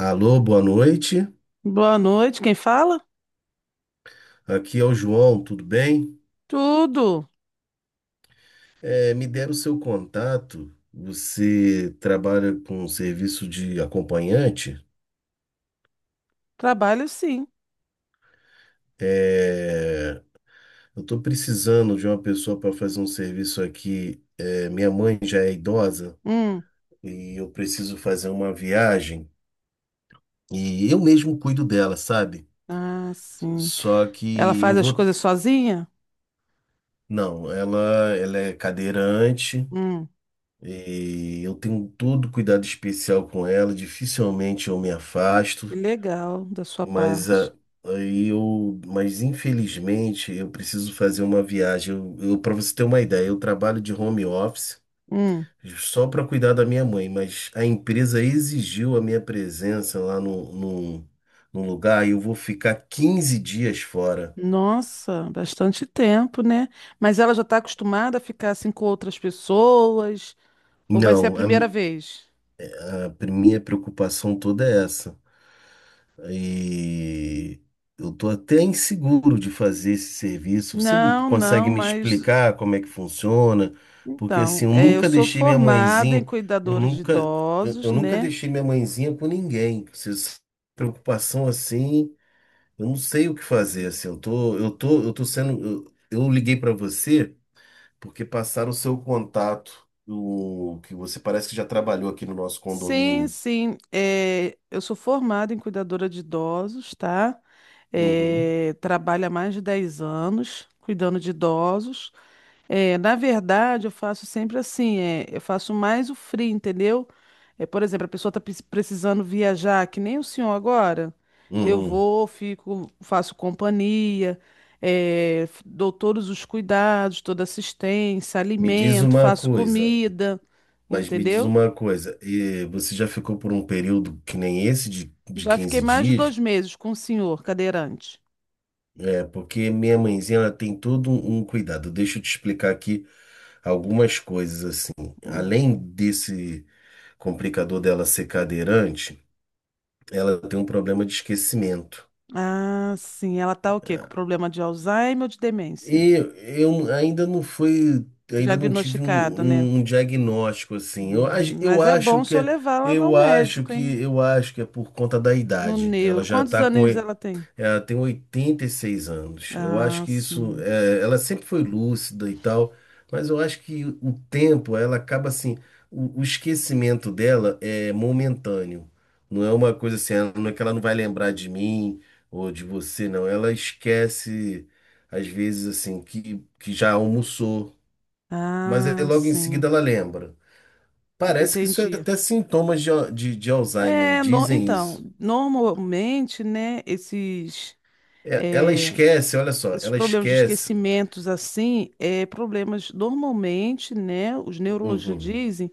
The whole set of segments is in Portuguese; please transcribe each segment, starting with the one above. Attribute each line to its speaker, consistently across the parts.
Speaker 1: Alô, boa noite.
Speaker 2: Boa noite, quem fala?
Speaker 1: Aqui é o João, tudo bem?
Speaker 2: Tudo.
Speaker 1: Me deram seu contato. Você trabalha com serviço de acompanhante?
Speaker 2: Trabalho sim.
Speaker 1: É, eu estou precisando de uma pessoa para fazer um serviço aqui. Minha mãe já é idosa
Speaker 2: Hum.
Speaker 1: e eu preciso fazer uma viagem e eu mesmo cuido dela, sabe?
Speaker 2: Ah, sim.
Speaker 1: Só
Speaker 2: Ela
Speaker 1: que eu
Speaker 2: faz as
Speaker 1: vou.
Speaker 2: coisas sozinha?
Speaker 1: Não, ela é cadeirante.
Speaker 2: Hum.
Speaker 1: E eu tenho todo cuidado especial com ela, dificilmente eu me
Speaker 2: Que
Speaker 1: afasto,
Speaker 2: legal da sua
Speaker 1: mas
Speaker 2: parte.
Speaker 1: a- mas infelizmente eu preciso fazer uma viagem. Para você ter uma ideia, eu trabalho de home office
Speaker 2: Hum.
Speaker 1: só para cuidar da minha mãe, mas a empresa exigiu a minha presença lá no lugar e eu vou ficar 15 dias fora.
Speaker 2: Nossa, bastante tempo, né? Mas ela já está acostumada a ficar assim com outras pessoas? Ou vai ser a
Speaker 1: Não, a
Speaker 2: primeira vez?
Speaker 1: minha preocupação toda é essa. E eu estou até inseguro de fazer esse serviço. Você
Speaker 2: Não, não,
Speaker 1: consegue me
Speaker 2: mas
Speaker 1: explicar como é que funciona? Porque assim,
Speaker 2: então,
Speaker 1: eu
Speaker 2: é, eu
Speaker 1: nunca
Speaker 2: sou
Speaker 1: deixei minha
Speaker 2: formada em
Speaker 1: mãezinha, eu
Speaker 2: cuidadores de
Speaker 1: nunca,
Speaker 2: idosos,
Speaker 1: eu nunca
Speaker 2: né?
Speaker 1: deixei minha mãezinha com ninguém. Você se- Preocupação assim, eu não sei o que fazer. Assim, eu tô sendo. Eu liguei para você porque passaram o seu contato, que você parece que já trabalhou aqui no nosso
Speaker 2: Sim,
Speaker 1: condomínio.
Speaker 2: sim. É, eu sou formada em cuidadora de idosos, tá?
Speaker 1: Uhum,
Speaker 2: É, trabalho há mais de 10 anos cuidando de idosos. É, na verdade, eu faço sempre assim, é, eu faço mais o free, entendeu? É, por exemplo, a pessoa está precisando viajar, que nem o senhor agora. Eu
Speaker 1: uhum.
Speaker 2: vou, fico, faço companhia, é, dou todos os cuidados, toda assistência,
Speaker 1: Me diz
Speaker 2: alimento,
Speaker 1: uma
Speaker 2: faço
Speaker 1: coisa.
Speaker 2: comida,
Speaker 1: Mas me diz
Speaker 2: entendeu?
Speaker 1: uma coisa, e você já ficou por um período que nem esse de
Speaker 2: Já fiquei
Speaker 1: 15
Speaker 2: mais de dois
Speaker 1: dias?
Speaker 2: meses com o senhor cadeirante.
Speaker 1: Porque minha mãezinha ela tem todo um cuidado. Deixa eu te explicar aqui algumas coisas assim.
Speaker 2: Hum.
Speaker 1: Além desse complicador dela ser cadeirante, ela tem um problema de esquecimento.
Speaker 2: Ah, sim. Ela tá o quê? Com problema de Alzheimer ou de demência?
Speaker 1: E eu ainda não fui, ainda não tive um,
Speaker 2: Diagnosticado, né?
Speaker 1: um um diagnóstico assim. Eu
Speaker 2: Mas é bom
Speaker 1: acho
Speaker 2: o
Speaker 1: que
Speaker 2: senhor
Speaker 1: é,
Speaker 2: levar ela ao
Speaker 1: eu acho
Speaker 2: médico, hein?
Speaker 1: que eu acho que é por conta da
Speaker 2: No
Speaker 1: idade. Ela
Speaker 2: neuro.
Speaker 1: já
Speaker 2: Quantos
Speaker 1: está com
Speaker 2: anos ela tem?
Speaker 1: Ela tem 86 anos. Eu
Speaker 2: Ah,
Speaker 1: acho que isso.
Speaker 2: sim.
Speaker 1: Ela sempre foi lúcida e tal, mas eu acho que o tempo, ela acaba assim. O esquecimento dela é momentâneo. Não é uma coisa assim, não é que ela não vai lembrar de mim ou de você, não. Ela esquece, às vezes, assim, que já almoçou, mas aí
Speaker 2: Ah,
Speaker 1: logo em seguida
Speaker 2: sim.
Speaker 1: ela lembra.
Speaker 2: Eu
Speaker 1: Parece que isso é
Speaker 2: entendi.
Speaker 1: até sintomas de Alzheimer,
Speaker 2: É,
Speaker 1: dizem
Speaker 2: então,
Speaker 1: isso.
Speaker 2: normalmente, né,
Speaker 1: Ela
Speaker 2: é,
Speaker 1: esquece, olha só,
Speaker 2: esses
Speaker 1: ela
Speaker 2: problemas de
Speaker 1: esquece.
Speaker 2: esquecimentos, assim, é problemas, normalmente, né, os neurologistas
Speaker 1: Uhum.
Speaker 2: dizem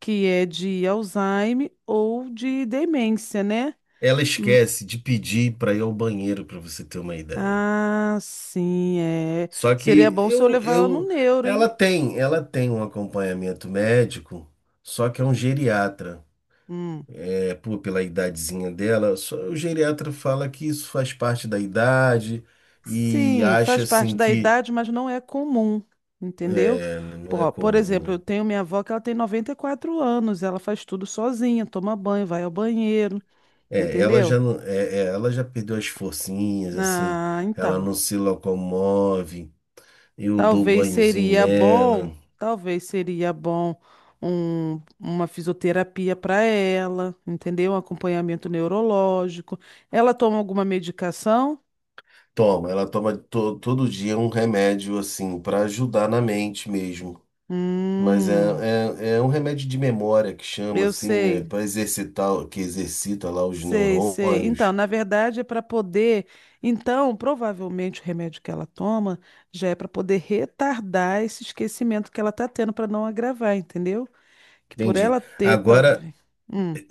Speaker 2: que é de Alzheimer ou de demência, né?
Speaker 1: Ela
Speaker 2: Hum.
Speaker 1: esquece de pedir para ir ao banheiro, para você ter uma ideia.
Speaker 2: Ah, sim, é.
Speaker 1: Só
Speaker 2: Seria
Speaker 1: que
Speaker 2: bom se eu
Speaker 1: eu,
Speaker 2: levar ela no
Speaker 1: eu,
Speaker 2: neuro, hein?
Speaker 1: ela tem, ela tem um acompanhamento médico, só que é um geriatra.
Speaker 2: Hum.
Speaker 1: Pô, pela idadezinha dela, o geriatra fala que isso faz parte da idade e
Speaker 2: Sim,
Speaker 1: acha
Speaker 2: faz parte
Speaker 1: assim
Speaker 2: da
Speaker 1: que
Speaker 2: idade, mas não é comum, entendeu?
Speaker 1: não é
Speaker 2: Pô, por
Speaker 1: comum,
Speaker 2: exemplo, eu
Speaker 1: né?
Speaker 2: tenho minha avó que ela tem 94 anos, ela faz tudo sozinha, toma banho, vai ao banheiro,
Speaker 1: Ela
Speaker 2: entendeu?
Speaker 1: já não, ela já perdeu as forcinhas, assim,
Speaker 2: Ah,
Speaker 1: ela
Speaker 2: então.
Speaker 1: não se locomove, eu dou
Speaker 2: Talvez
Speaker 1: banhozinho
Speaker 2: seria bom,
Speaker 1: nela.
Speaker 2: talvez seria bom uma fisioterapia para ela, entendeu? Um acompanhamento neurológico. Ela toma alguma medicação?
Speaker 1: Toma, ela toma todo dia um remédio assim para ajudar na mente mesmo. Mas
Speaker 2: Hum,
Speaker 1: é um remédio de memória que chama
Speaker 2: eu
Speaker 1: assim, né,
Speaker 2: sei,
Speaker 1: para exercitar, que exercita lá os
Speaker 2: sei, sei. Então,
Speaker 1: neurônios.
Speaker 2: na verdade, é para poder. Então, provavelmente o remédio que ela toma já é para poder retardar esse esquecimento que ela está tendo para não agravar, entendeu? Que por
Speaker 1: Entendi.
Speaker 2: ela ter,
Speaker 1: Agora,
Speaker 2: talvez.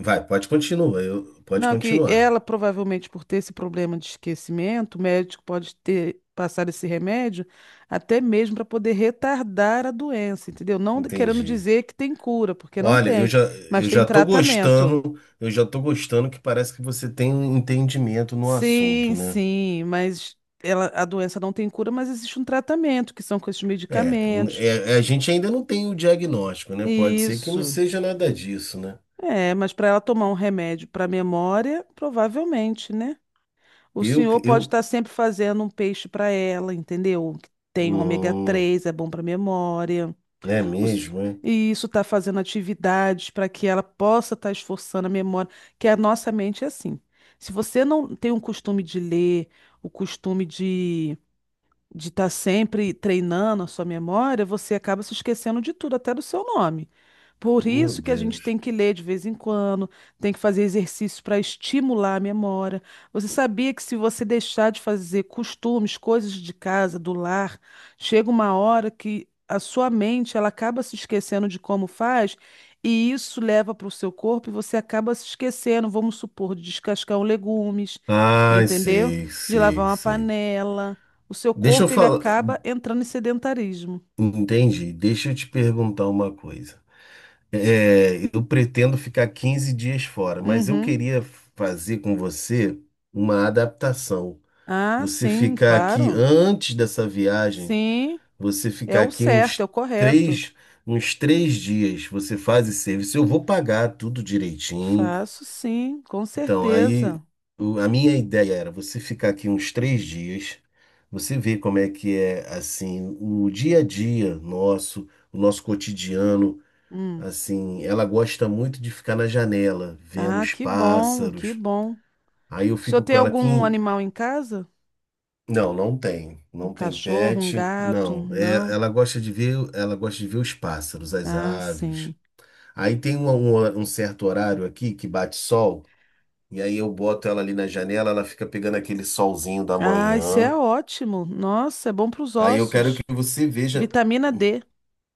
Speaker 1: vai, pode continuar, pode
Speaker 2: Não, que
Speaker 1: continuar.
Speaker 2: ela provavelmente por ter esse problema de esquecimento, o médico pode ter passado esse remédio até mesmo para poder retardar a doença, entendeu? Não querendo
Speaker 1: Entendi.
Speaker 2: dizer que tem cura, porque não
Speaker 1: Olha,
Speaker 2: tem, mas tem tratamento.
Speaker 1: eu já tô gostando que parece que você tem um entendimento no
Speaker 2: Sim,
Speaker 1: assunto, né?
Speaker 2: sim, mas ela, a doença não tem cura, mas existe um tratamento, que são com esses
Speaker 1: É, n-
Speaker 2: medicamentos.
Speaker 1: é, a gente ainda não tem o diagnóstico, né? Pode ser que não
Speaker 2: Isso.
Speaker 1: seja nada disso, né?
Speaker 2: É, mas para ela tomar um remédio para memória, provavelmente, né? O
Speaker 1: Eu,
Speaker 2: senhor pode estar
Speaker 1: eu,
Speaker 2: sempre fazendo um peixe para ela, entendeu? Que tem ômega
Speaker 1: hum,
Speaker 2: 3, é bom para memória.
Speaker 1: é
Speaker 2: O s-
Speaker 1: mesmo, é?
Speaker 2: E isso está fazendo atividades para que ela possa estar esforçando a memória, que a nossa mente é assim. Se você não tem o costume de ler, o costume de estar sempre treinando a sua memória, você acaba se esquecendo de tudo, até do seu nome. Por
Speaker 1: Meu
Speaker 2: isso que a gente
Speaker 1: Deus.
Speaker 2: tem que ler de vez em quando, tem que fazer exercício para estimular a memória. Você sabia que se você deixar de fazer costumes, coisas de casa, do lar, chega uma hora que a sua mente ela acaba se esquecendo de como faz, e isso leva para o seu corpo e você acaba se esquecendo, vamos supor, de descascar um legumes,
Speaker 1: Ai,
Speaker 2: entendeu?
Speaker 1: sei,
Speaker 2: De lavar
Speaker 1: sei,
Speaker 2: uma
Speaker 1: sei.
Speaker 2: panela. O seu
Speaker 1: Deixa eu
Speaker 2: corpo ele
Speaker 1: falar,
Speaker 2: acaba entrando em sedentarismo.
Speaker 1: entendi. Deixa eu te perguntar uma coisa. Eu pretendo ficar 15 dias fora, mas eu
Speaker 2: Uhum.
Speaker 1: queria fazer com você uma adaptação.
Speaker 2: Ah,
Speaker 1: Você
Speaker 2: sim,
Speaker 1: ficar aqui
Speaker 2: claro.
Speaker 1: antes dessa viagem,
Speaker 2: Sim,
Speaker 1: você
Speaker 2: é
Speaker 1: ficar
Speaker 2: o
Speaker 1: aqui
Speaker 2: certo, é o correto.
Speaker 1: três, uns três dias, você faz esse serviço. Eu vou pagar tudo direitinho.
Speaker 2: Faço sim, com
Speaker 1: Então, aí
Speaker 2: certeza.
Speaker 1: a minha ideia era você ficar aqui uns 3 dias, você ver como é que é assim o dia a dia nosso, o nosso cotidiano.
Speaker 2: Hum.
Speaker 1: Assim, ela gosta muito de ficar na janela, vendo
Speaker 2: Ah,
Speaker 1: os
Speaker 2: que bom, que
Speaker 1: pássaros.
Speaker 2: bom. O
Speaker 1: Aí eu
Speaker 2: senhor
Speaker 1: fico
Speaker 2: tem
Speaker 1: com ela aqui.
Speaker 2: algum
Speaker 1: em-
Speaker 2: animal em casa?
Speaker 1: Não, não tem,
Speaker 2: Um
Speaker 1: não tem
Speaker 2: cachorro, um
Speaker 1: pet,
Speaker 2: gato?
Speaker 1: não.
Speaker 2: Não?
Speaker 1: Ela gosta de ver os pássaros, as
Speaker 2: Ah,
Speaker 1: aves.
Speaker 2: sim.
Speaker 1: Aí tem um certo horário aqui que bate sol. E aí eu boto ela ali na janela, ela fica pegando aquele solzinho da
Speaker 2: Ah, isso é
Speaker 1: manhã.
Speaker 2: ótimo. Nossa, é bom para os
Speaker 1: Aí eu quero que
Speaker 2: ossos.
Speaker 1: você veja.
Speaker 2: Vitamina D.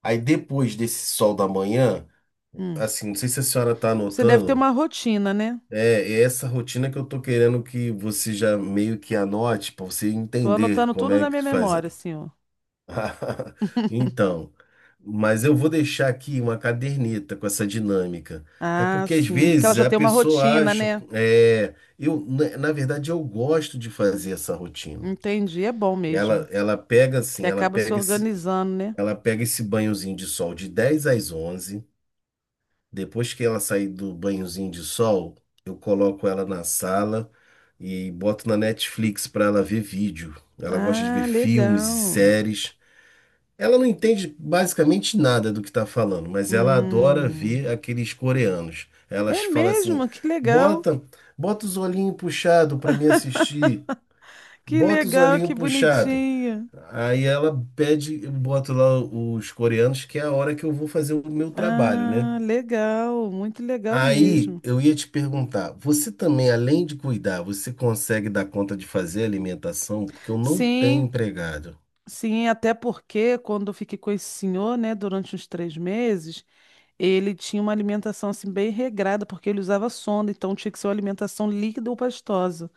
Speaker 1: Aí depois desse sol da manhã,
Speaker 2: Hum.
Speaker 1: assim, não sei se a senhora tá
Speaker 2: Você deve ter
Speaker 1: anotando,
Speaker 2: uma rotina, né?
Speaker 1: é, é essa rotina que eu tô querendo que você já meio que anote para você
Speaker 2: Tô
Speaker 1: entender
Speaker 2: anotando
Speaker 1: como
Speaker 2: tudo
Speaker 1: é
Speaker 2: na minha
Speaker 1: que faz.
Speaker 2: memória, senhor.
Speaker 1: Então, mas eu vou deixar aqui uma caderneta com essa dinâmica. É
Speaker 2: Ah,
Speaker 1: porque às
Speaker 2: sim, porque ela
Speaker 1: vezes
Speaker 2: já
Speaker 1: a
Speaker 2: tem uma
Speaker 1: pessoa
Speaker 2: rotina,
Speaker 1: acha,
Speaker 2: né?
Speaker 1: é, eu, na na verdade, eu gosto de fazer essa rotina.
Speaker 2: Entendi, é bom mesmo.
Speaker 1: Ela, ela pega
Speaker 2: Que
Speaker 1: assim, ela
Speaker 2: acaba se
Speaker 1: pega esse,
Speaker 2: organizando, né?
Speaker 1: ela pega esse banhozinho de sol de 10 às onze. Depois que ela sair do banhozinho de sol, eu coloco ela na sala e boto na Netflix para ela ver vídeo. Ela gosta de ver
Speaker 2: Ah,
Speaker 1: filmes e
Speaker 2: legal.
Speaker 1: séries. Ela não entende basicamente nada do que tá falando, mas ela adora
Speaker 2: Hum.
Speaker 1: ver aqueles coreanos.
Speaker 2: É
Speaker 1: Elas falam assim:
Speaker 2: mesmo? Que legal.
Speaker 1: "Bota, bota os olhinhos puxado para me assistir.
Speaker 2: Que
Speaker 1: Bota os
Speaker 2: legal,
Speaker 1: olhinhos
Speaker 2: que
Speaker 1: puxado."
Speaker 2: bonitinho.
Speaker 1: Aí ela pede, eu boto lá os coreanos, que é a hora que eu vou fazer o meu trabalho, né?
Speaker 2: Ah, legal, muito legal
Speaker 1: Aí
Speaker 2: mesmo.
Speaker 1: eu ia te perguntar, você também, além de cuidar, você consegue dar conta de fazer alimentação? Porque eu não tenho
Speaker 2: Sim,
Speaker 1: empregado.
Speaker 2: sim, até porque quando eu fiquei com esse senhor, né, durante uns 3 meses, ele tinha uma alimentação assim bem regrada, porque ele usava sonda, então tinha que ser uma alimentação líquida ou pastosa.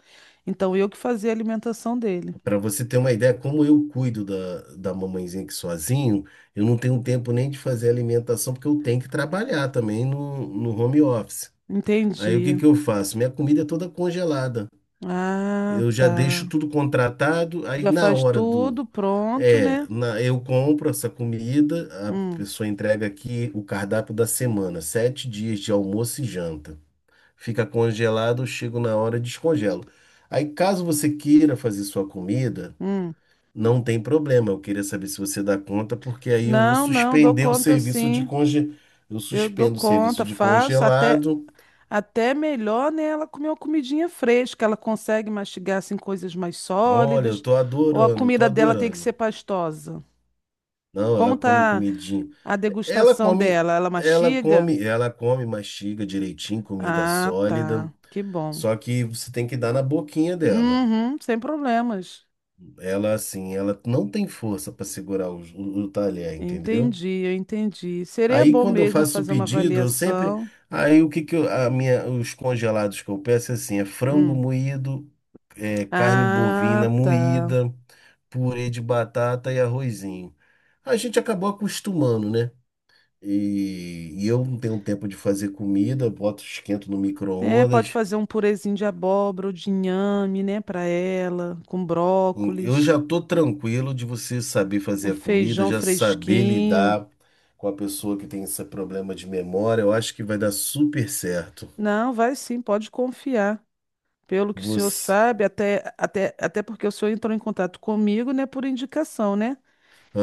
Speaker 2: Então eu que fazia a alimentação dele.
Speaker 1: Para você ter uma ideia, como eu cuido da mamãezinha aqui sozinho, eu não tenho tempo nem de fazer alimentação, porque eu tenho que trabalhar também no home office. Aí o que
Speaker 2: Entendi.
Speaker 1: que eu faço? Minha comida é toda congelada.
Speaker 2: Ah,
Speaker 1: Eu já deixo
Speaker 2: tá.
Speaker 1: tudo contratado, aí
Speaker 2: Já
Speaker 1: na
Speaker 2: faz
Speaker 1: hora do.
Speaker 2: tudo pronto, né?
Speaker 1: Eu compro essa comida, a
Speaker 2: Hum.
Speaker 1: pessoa entrega aqui o cardápio da semana, 7 dias de almoço e janta. Fica congelado, eu chego na hora e descongelo. Aí, caso você queira fazer sua comida,
Speaker 2: Hum.
Speaker 1: não tem problema. Eu queria saber se você dá conta, porque aí eu vou
Speaker 2: Não, não, dou
Speaker 1: suspender o
Speaker 2: conta
Speaker 1: serviço de
Speaker 2: sim.
Speaker 1: conge... Eu
Speaker 2: Eu dou
Speaker 1: suspendo o serviço
Speaker 2: conta,
Speaker 1: de
Speaker 2: faço até
Speaker 1: congelado.
Speaker 2: até melhor, né? Ela comer uma comidinha fresca, ela consegue mastigar assim coisas mais
Speaker 1: Olha, eu
Speaker 2: sólidas,
Speaker 1: tô
Speaker 2: ou a
Speaker 1: adorando, eu tô
Speaker 2: comida dela tem que ser
Speaker 1: adorando.
Speaker 2: pastosa.
Speaker 1: Não,
Speaker 2: Como
Speaker 1: ela come
Speaker 2: tá
Speaker 1: comidinho.
Speaker 2: a
Speaker 1: É, Ela
Speaker 2: degustação
Speaker 1: come,
Speaker 2: dela? Ela
Speaker 1: ela
Speaker 2: mastiga?
Speaker 1: come, ela come, mastiga direitinho, comida
Speaker 2: Ah,
Speaker 1: sólida.
Speaker 2: tá. Que bom.
Speaker 1: Só que você tem que dar na boquinha dela.
Speaker 2: Uhum, sem problemas.
Speaker 1: Ela, assim, ela não tem força para segurar o talher, entendeu?
Speaker 2: Entendi, eu entendi. Seria
Speaker 1: Aí,
Speaker 2: bom
Speaker 1: quando eu
Speaker 2: mesmo
Speaker 1: faço o
Speaker 2: fazer uma
Speaker 1: pedido, eu sempre.
Speaker 2: avaliação.
Speaker 1: Aí, o que que eu, a minha, os congelados que eu peço é assim: é frango
Speaker 2: Hum.
Speaker 1: moído, é, carne
Speaker 2: Ah,
Speaker 1: bovina
Speaker 2: tá.
Speaker 1: moída, purê de batata e arrozinho. A gente acabou acostumando, né? E eu não tenho tempo de fazer comida, eu boto, esquento no
Speaker 2: É, pode
Speaker 1: micro-ondas.
Speaker 2: fazer um purezinho de abóbora ou de inhame, né, para ela, com
Speaker 1: Eu
Speaker 2: brócolis,
Speaker 1: já tô tranquilo de você saber
Speaker 2: um
Speaker 1: fazer a comida,
Speaker 2: feijão
Speaker 1: já saber
Speaker 2: fresquinho.
Speaker 1: lidar com a pessoa que tem esse problema de memória. Eu acho que vai dar super certo.
Speaker 2: Não, vai sim, pode confiar. Pelo que o senhor
Speaker 1: Você,
Speaker 2: sabe, até porque o senhor entrou em contato comigo, né, por indicação, né?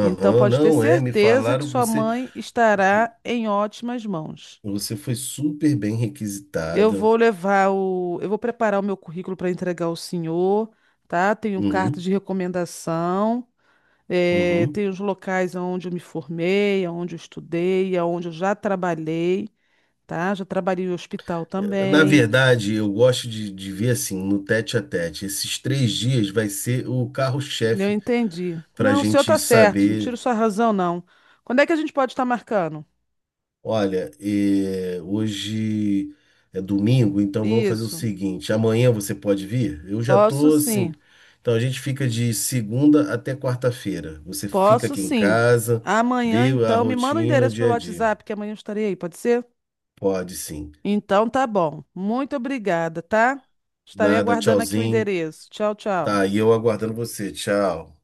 Speaker 2: Então pode ter
Speaker 1: não é? Me
Speaker 2: certeza que
Speaker 1: falaram que
Speaker 2: sua
Speaker 1: você,
Speaker 2: mãe estará em ótimas mãos.
Speaker 1: você foi super bem
Speaker 2: Eu
Speaker 1: requisitada.
Speaker 2: vou levar o, eu vou preparar o meu currículo para entregar ao senhor, tá? Tenho carta
Speaker 1: Uhum,
Speaker 2: de recomendação. Eh,
Speaker 1: uhum.
Speaker 2: tem os locais onde eu me formei, onde eu estudei, onde eu já trabalhei, tá? Já trabalhei em hospital
Speaker 1: Na
Speaker 2: também.
Speaker 1: verdade, eu gosto de ver assim, no tete a tete. Esses 3 dias vai ser o
Speaker 2: Eu
Speaker 1: carro-chefe
Speaker 2: entendi.
Speaker 1: para a
Speaker 2: Não, o senhor
Speaker 1: gente
Speaker 2: tá certo, não tiro
Speaker 1: saber,
Speaker 2: sua razão, não. Quando é que a gente pode estar marcando?
Speaker 1: olha, hoje é domingo, então vamos fazer o
Speaker 2: Isso.
Speaker 1: seguinte, amanhã você pode vir? Eu já
Speaker 2: Posso
Speaker 1: tô assim.
Speaker 2: sim,
Speaker 1: Então a gente fica de segunda até quarta-feira. Você fica
Speaker 2: posso
Speaker 1: aqui em
Speaker 2: sim.
Speaker 1: casa,
Speaker 2: Amanhã,
Speaker 1: vê a
Speaker 2: então, me manda o
Speaker 1: rotina, o
Speaker 2: endereço
Speaker 1: dia
Speaker 2: pelo
Speaker 1: a dia.
Speaker 2: WhatsApp, que amanhã eu estarei aí, pode ser?
Speaker 1: Pode sim.
Speaker 2: Então tá bom. Muito obrigada, tá? Estarei
Speaker 1: Nada,
Speaker 2: aguardando aqui o
Speaker 1: tchauzinho.
Speaker 2: endereço. Tchau, tchau.
Speaker 1: Tá, e eu aguardando você. Tchau.